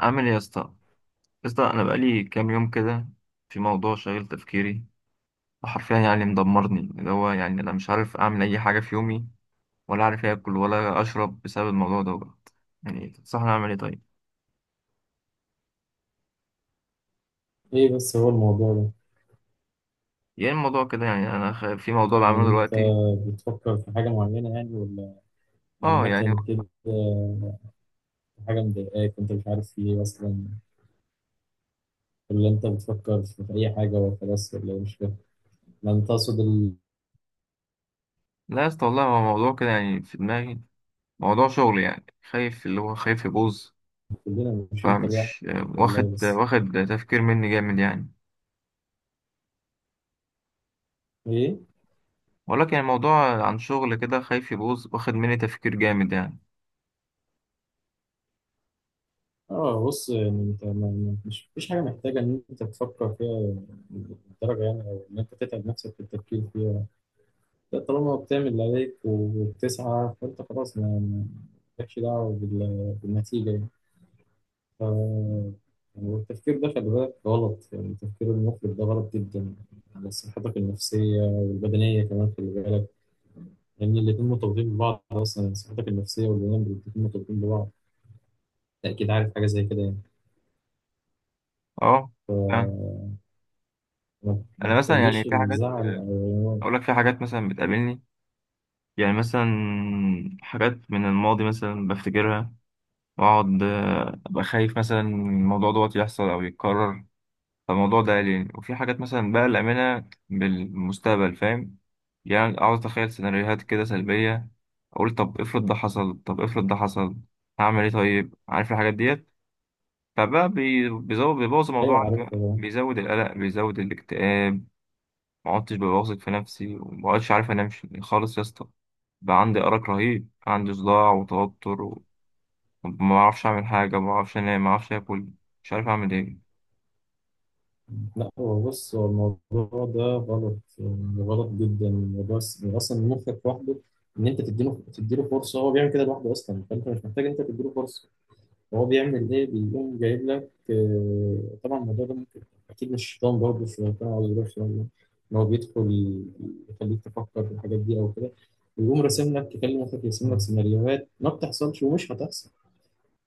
عامل ايه يا اسطى. يا اسطى انا بقالي كام يوم كده، في موضوع شاغل تفكيري، وحرفيا يعني مدمرني، اللي هو يعني انا مش عارف اعمل اي حاجه في يومي، ولا عارف اكل ولا اشرب بسبب الموضوع دوت. يعني تنصحني اعمل ايه طيب؟ ايه بس هو الموضوع ده؟ يعني الموضوع كده يعني في موضوع بعمله يعني انت دلوقتي. بتفكر في حاجة معينة يعني ولا اه يعني. عامة كده؟ في حاجة مضايقاك انت مش عارف في ايه اصلا، ولا انت بتفكر في اي حاجة وخلاص ولا إيه؟ مش فاهم. ما انت تقصد لا يا اسطى والله، هو موضوع كده يعني في دماغي، موضوع شغل يعني، خايف اللي هو خايف يبوظ. كلنا، مش انت لوحدك. فمش. والله واخد بس واخد تفكير مني جامد يعني، ايه. ولكن الموضوع عن شغل كده، خايف يبوظ، واخد مني تفكير جامد يعني. اه بص، يعني انت مش، مفيش حاجة محتاجة ان انت تفكر فيها بالدرجة، يعني او ان انت تتعب نفسك في التفكير فيها. ده طالما بتعمل اللي عليك وبتسعى فانت خلاص، مالكش دعوة بالنتيجة يعني. ف- يعني التفكير ده، خلي بالك غلط، يعني التفكير المفرط ده غلط جدا على صحتك النفسية والبدنية كمان، خلي بالك. لأن الاتنين مرتبطين ببعض أصلا، يعني صحتك النفسية والبدنية الاتنين مرتبطين ببعض. أنت أكيد عارف حاجة زي كده يعني. اه فعلا. فما ما انا مثلا يعني تخليش في حاجات، الزعل أو، اقول لك في حاجات مثلا بتقابلني، يعني مثلا حاجات من الماضي مثلا بفتكرها، واقعد ابقى خايف مثلا الموضوع دوت يحصل او يتكرر. فالموضوع ده قلقني، وفي حاجات مثلا بقى الامانه بالمستقبل، فاهم؟ يعني اقعد اتخيل سيناريوهات كده سلبيه، اقول طب افرض ده حصل، طب افرض ده حصل، هعمل ايه طيب؟ عارف الحاجات ديت، بيزود، بيبوظ الموضوع أيوه عندي، بقى عارفها. بيزود القلق، بيزود الاكتئاب. ما عدتش ببقى واثق في نفسي، وما عدتش عارف انام خالص يا اسطى. بقى عندي ارق رهيب، عندي صداع وتوتر وما اعرفش اعمل حاجه، ما اعرفش انام، ما اعرفش اكل، مش عارف اعمل ايه. لا هو بص، هو الموضوع ده غلط يعني، غلط جدا الموضوع. يعني أصلا مخك لوحده، إن أنت تديله فرصة، هو بيعمل كده لوحده أصلا، فأنت مش محتاج أنت تديله فرصة. هو بيعمل ايه؟ بيقوم جايب لك طبعا الموضوع ده ممكن، اكيد مش شيطان، برضه شيطان او غير شيطان، ان هو بيدخل يخليك تفكر في الحاجات دي او كده، ويقوم راسم لك، يكلمك، يرسم لك سيناريوهات ما بتحصلش ومش هتحصل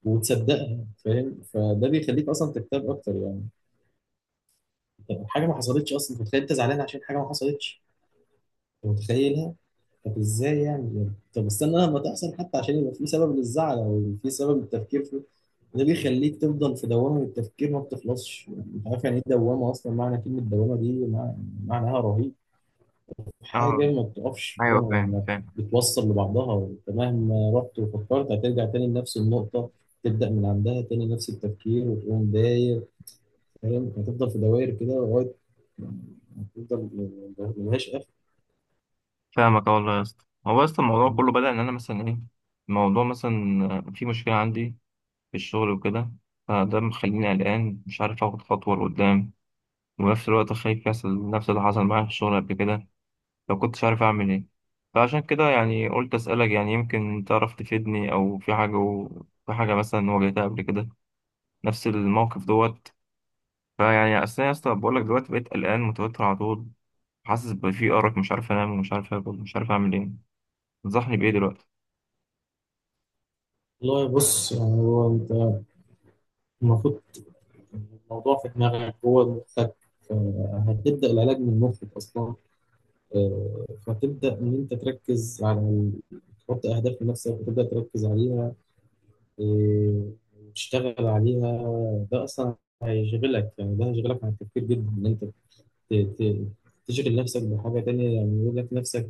وتصدقها، فاهم؟ فده بيخليك اصلا تكتب اكتر يعني. حاجه ما حصلتش اصلا، أنت متخيل، انت زعلان عشان حاجه ما حصلتش، أنت متخيل. طب ازاي يعني بجد؟ طب استنى لما تحصل حتى، عشان يبقى في سبب للزعل او في سبب للتفكير فيه. ده بيخليك تفضل في دوامه التفكير، ما بتخلصش، مش عارف يعني ايه دوامه اصلا، معنى كلمه دوامه دي معناها رهيب. اه حاجه ما بتقفش، حاجه ايوه، ما فاهم ما فاهم. بتوصل لبعضها، انت مهما رحت وفكرت هترجع تاني لنفس النقطه، تبدا من عندها تاني نفس التفكير وتقوم داير، فاهم؟ هتفضل في دوائر كده لغايه ما- ما- هتفضل، ملهاش اخر. فاهمك آه والله يا اسطى، هو يا اسطى الموضوع كله بدأ ان انا مثلا ايه، الموضوع مثلا في مشكله عندي في الشغل وكده، فده مخليني قلقان، مش عارف اخد خطوه لقدام، وفي نفس الوقت خايف يحصل نفس اللي حصل معايا في الشغل قبل كده، لو كنتش عارف أعمل إيه. فعشان كده يعني قلت أسألك، يعني يمكن تعرف تفيدني، أو في حاجة في حاجة مثلا واجهتها قبل كده، نفس الموقف دوت. فيعني أصل أنا يا اسطى بقول لك دلوقتي، بقيت قلقان متوتر على طول، حاسس بفي أرق، مش عارف أنام، ومش عارف آكل، ومش عارف أعمل إيه. تنصحني بإيه دلوقتي؟ والله بص، يعني هو انت المفروض الموضوع في دماغك، هو مخك، هتبدأ العلاج من مخك أصلا. فتبدأ إن أنت تركز على تحط أهداف لنفسك وتبدأ تركز عليها، آه، وتشتغل عليها. ده أصلا هيشغلك، يعني ده هيشغلك عن التفكير جدا، إن أنت ت- ت- تشغل نفسك بحاجة تانية، يعني يقول لك نفسك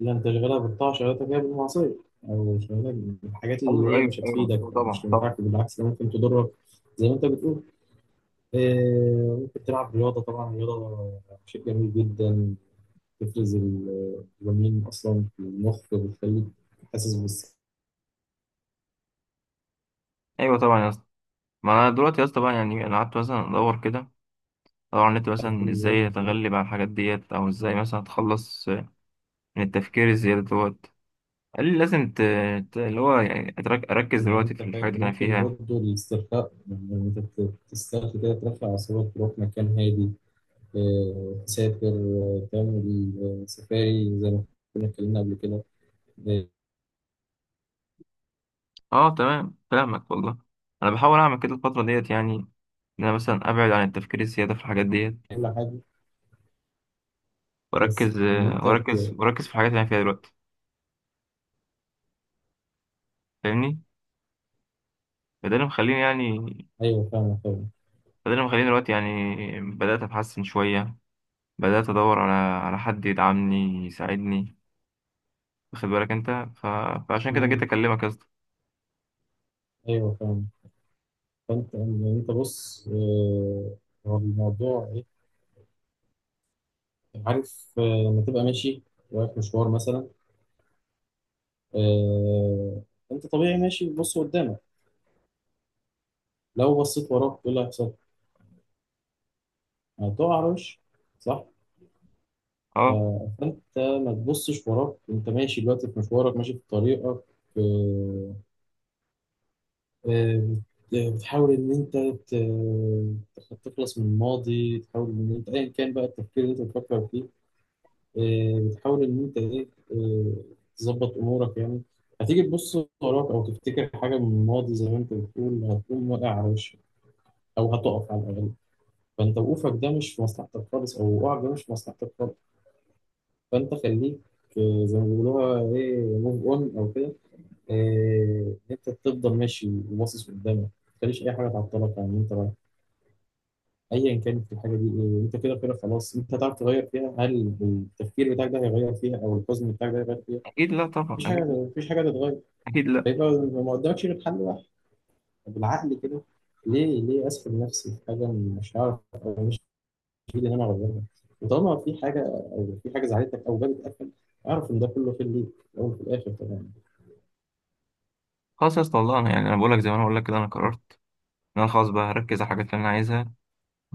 لا، أنت شغالها بالطاعة شغالتك هي بالمعصية، أو شغالك بالحاجات اللي أيوه هي أيوه مش أيوه هتفيدك أيوه، أو مش طبعا طبعا. هتنفعك، بالعكس ده ممكن تضرك، زي ما أنت بتقول. ممكن تلعب رياضة، طبعا الرياضة شيء جميل جدا، بتفرز الدوبامين أصلا في المخ، بتخليك حاسس بالسعادة أيوه طبعا يا اسطى. ما أنا دلوقتي يا اسطى بقى يعني أنا قعدت مثلا أدور كده، أدور على النت مثلا كل يوم إزاي وكده. أتغلب على الحاجات ديت، أو إزاي مثلا أتخلص من التفكير الزيادة دوت. قال لي لازم اللي هو يعني أركز يعني دلوقتي أنت في الحاجات اللي أنا ممكن فيها. برضه الاسترخاء، يعني أنت تسترخي كده، ترفع أعصابك، تروح مكان هادي، تسافر، تعمل سفاري زي ما كنا اتكلمنا قبل كده، آه، أه تمام كلامك والله. أنا بحاول أعمل كده الفترة ديت يعني، إن أنا مثلا أبعد عن التفكير الزيادة في الحاجات ديت، كل حاجة. بس وأركز، إن أنت وأركز وأركز في الحاجات اللي أنا فيها دلوقتي. فاهمني؟ فده اللي مخليني يعني، أيوه فاهمة. فده اللي مخليني دلوقتي يعني بدأت أتحسن شوية، بدأت أدور على على حد يدعمني يساعدني، واخد بالك أنت؟ ف... فعشان كده جيت مم، أكلمك يا اسطى. أيوه فاهمة. فانت يعني انت بص، هو الموضوع ايه؟ عارف، لما تبقى ماشي رايح مشوار مثلا، آه، انت طبيعي ماشي بتبص قدامك، لو بصيت وراك ايه اللي هيحصل؟ هتقع على وشك، صح؟ ف- أه فانت ما تبصش وراك، انت ماشي دلوقتي في مشوارك ماشي في طريقك، آه، آه، بتحاول ان انت تخلص من الماضي، تحاول ان انت ايا كان بقى التفكير اللي انت بتفكر فيه، بتحاول إن أنت إيه إيه، تظبط أمورك يعني. هتيجي تبص وراك أو تفتكر حاجة من الماضي زي ما أنت بتقول، هتقوم واقع على وشك أو هتقف على الأقل. فأنت وقوفك ده مش في مصلحتك خالص، أو وقعك ده مش في مصلحتك خالص. فأنت خليك، زي ما بيقولوها إيه، موف أون أو كده، إن أنت تفضل ماشي وباصص قدامك، متخليش أي حاجة تعطلك عن إن أنت رايح، أيا كانت الحاجة دي. إيه أنت كده كده خلاص، أنت هتعرف تغير فيها؟ هل التفكير بتاعك ده هيغير فيها؟ أو الحزن بتاعك ده هيغير فيها؟ أكيد لا طبعا، مفيش حاجة، أكيد. مفيش حاجة تتغير. أكيد لا. هيبقى ما قدامكش غير حل واحد. طب بالعقل كده، ليه ليه أسفل نفسي في حاجة مش هعرف، أو مش في إيدي إن أنا أغيرها؟ وطالما في حاجة أو في حاجة زعلتك أو جابت أكل، أعرف إن ده كله في ليك في الأول وفي الآخر طبعا. خلاص يا اسطى والله، أنا يعني أنا بقول لك زي ما أنا بقول لك كده، أنا قررت انا خلاص بقى هركز على الحاجات اللي انا عايزها،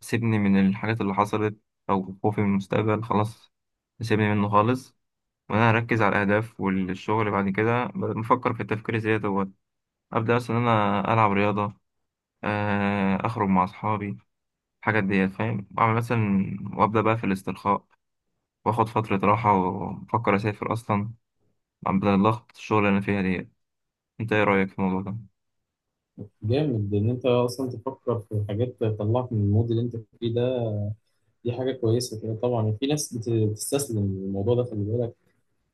سيبني من الحاجات اللي حصلت، او خوفي من المستقبل خلاص، سيبني منه خالص. وانا هركز على الاهداف والشغل بعد كده، بدل ما افكر في التفكير الزياده دوت. ابدا مثلا إن انا العب رياضه، اخرج مع اصحابي، الحاجات ديت فاهم، واعمل مثلا وابدا بقى في الاسترخاء، واخد فتره راحه، وافكر اسافر اصلا بدل ضغط الشغل اللي انا فيها ديت. انت ايه رايك في الموضوع ده؟ جامد إن أنت أصلا تفكر في حاجات تطلعك من المود اللي أنت فيه ده، دي حاجة كويسة كده. طبعا في ناس بتستسلم الموضوع ده، خلي بالك،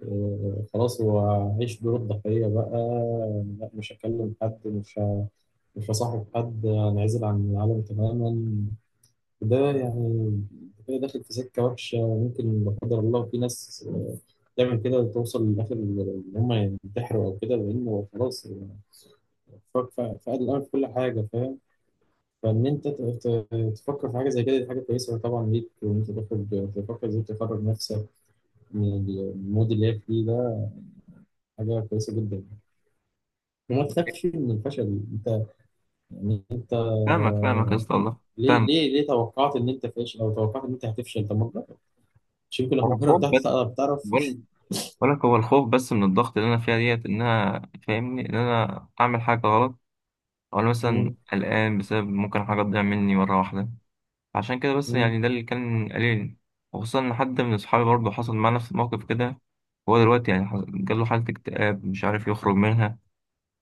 خلاص هو عيش دور الضحية بقى. لا مش هكلم حد، مش فصاحب حد، انعزل عن العالم تماما. ده يعني كده داخل في سكة وحشة، ممكن لا قدر الله في ناس تعمل كده توصل لآخر إن هم ينتحروا أو كده، لأنه خلاص فقد الأمل في كل حاجة، فاهم؟ فإن أنت تفكر في حاجة زي كده، دي حاجة كويسة طبعا ليك، وإن أنت تخرج تفكر إزاي تخرج نفسك من المود اللي هي فيه ده، حاجة كويسة جدا. وما تخافش من الفشل أنت يعني، فاهمك فاهمك يا اسطى والله. ليه فاهمك. ليه توقعت إن أنت فاشل أو توقعت إن أنت هتفشل؟ طب ما شريك أنا الأفكار خد بتاعتك، بالك لا بتعرف. بقول ولك، هو الخوف بس من الضغط اللي انا فيها ديت، ان انا فاهمني ان انا اعمل حاجه غلط، او أنا مثلا مم. قلقان بسبب ممكن حاجه تضيع مني مره واحده. عشان كده بس مم. يعني، ده اللي كان قليل. وخصوصا ان حد من اصحابي برضه حصل معاه نفس الموقف كده، هو دلوقتي يعني جاله حاله اكتئاب، مش عارف يخرج منها،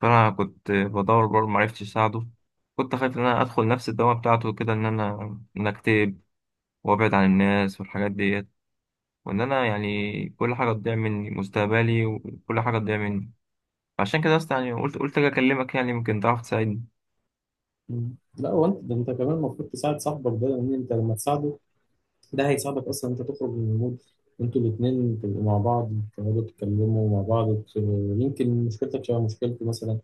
فانا كنت بدور برضه معرفتش اساعده. كنت خايف ان انا ادخل نفس الدوامه بتاعته كده، ان انا ان أنا اكتئب وابعد عن الناس والحاجات ديت، وان انا يعني كل حاجه تضيع مني مستقبلي، وكل حاجه تضيع مني. عشان كده اصلا يعني قلت اجي اكلمك، يعني يمكن تعرف تساعدني. مم. لا هو انت، ده انت كمان المفروض تساعد صاحبك ده، لان انت لما تساعده ده هيساعدك اصلا انت تخرج من المود. انتوا الاثنين تبقوا مع بعض، تقعدوا تتكلموا مع بعض يمكن مشكلتك شبه مشكلتي مثلا،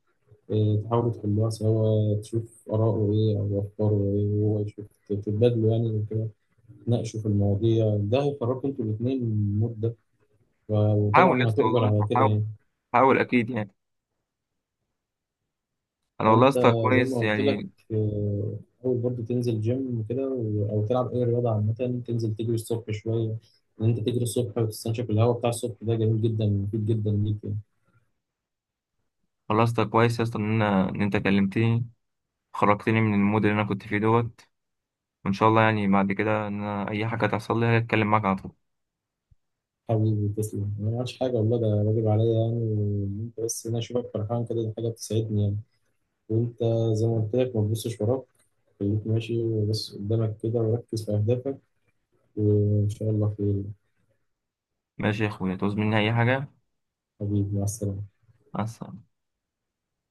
اه، تحاولوا تحلوها سوا، تشوف آراءه ايه او افكاره ايه، وهو يشوف، تتبادلوا يعني وكده، تناقشوا في المواضيع، ده هيخرجكم انتوا الاثنين من المود ده. حاول يا وطبعا اسطى هتؤجر والله، على كده حاول، يعني. حاول اكيد يعني. انا والله يا فانت اسطى زي ما كويس قلت لك، يعني. آه، اول برضه تنزل جيم وكده او تلعب اي رياضه عامه، تنزل تجري الصبح شويه، ان انت تجري الصبح وتستنشق الهواء بتاع الصبح، ده جميل جدا مفيد جدا ليك يعني. والله يا اسطى كويس يا اسطى ان انا ان انت كلمتني، خرجتني من المود اللي انا كنت فيه دوت. وان شاء الله يعني بعد كده ان انا اي حاجه تحصل لي هتكلم معاك على طول. حبيبي تسلم، أنا ما عملتش حاجه والله، ده واجب عليا يعني، وإن انت بس، إن انا اشوفك فرحان كده دي حاجه بتسعدني يعني. وانت زي ما قلت لك، ما تبصش وراك، خليك ماشي وبص قدامك كده، وركز في اهدافك، وان شاء الله خير. ماشي يا اخويا، تعوز مني اي حاجه. حبيبي مع السلامه. مع السلامة.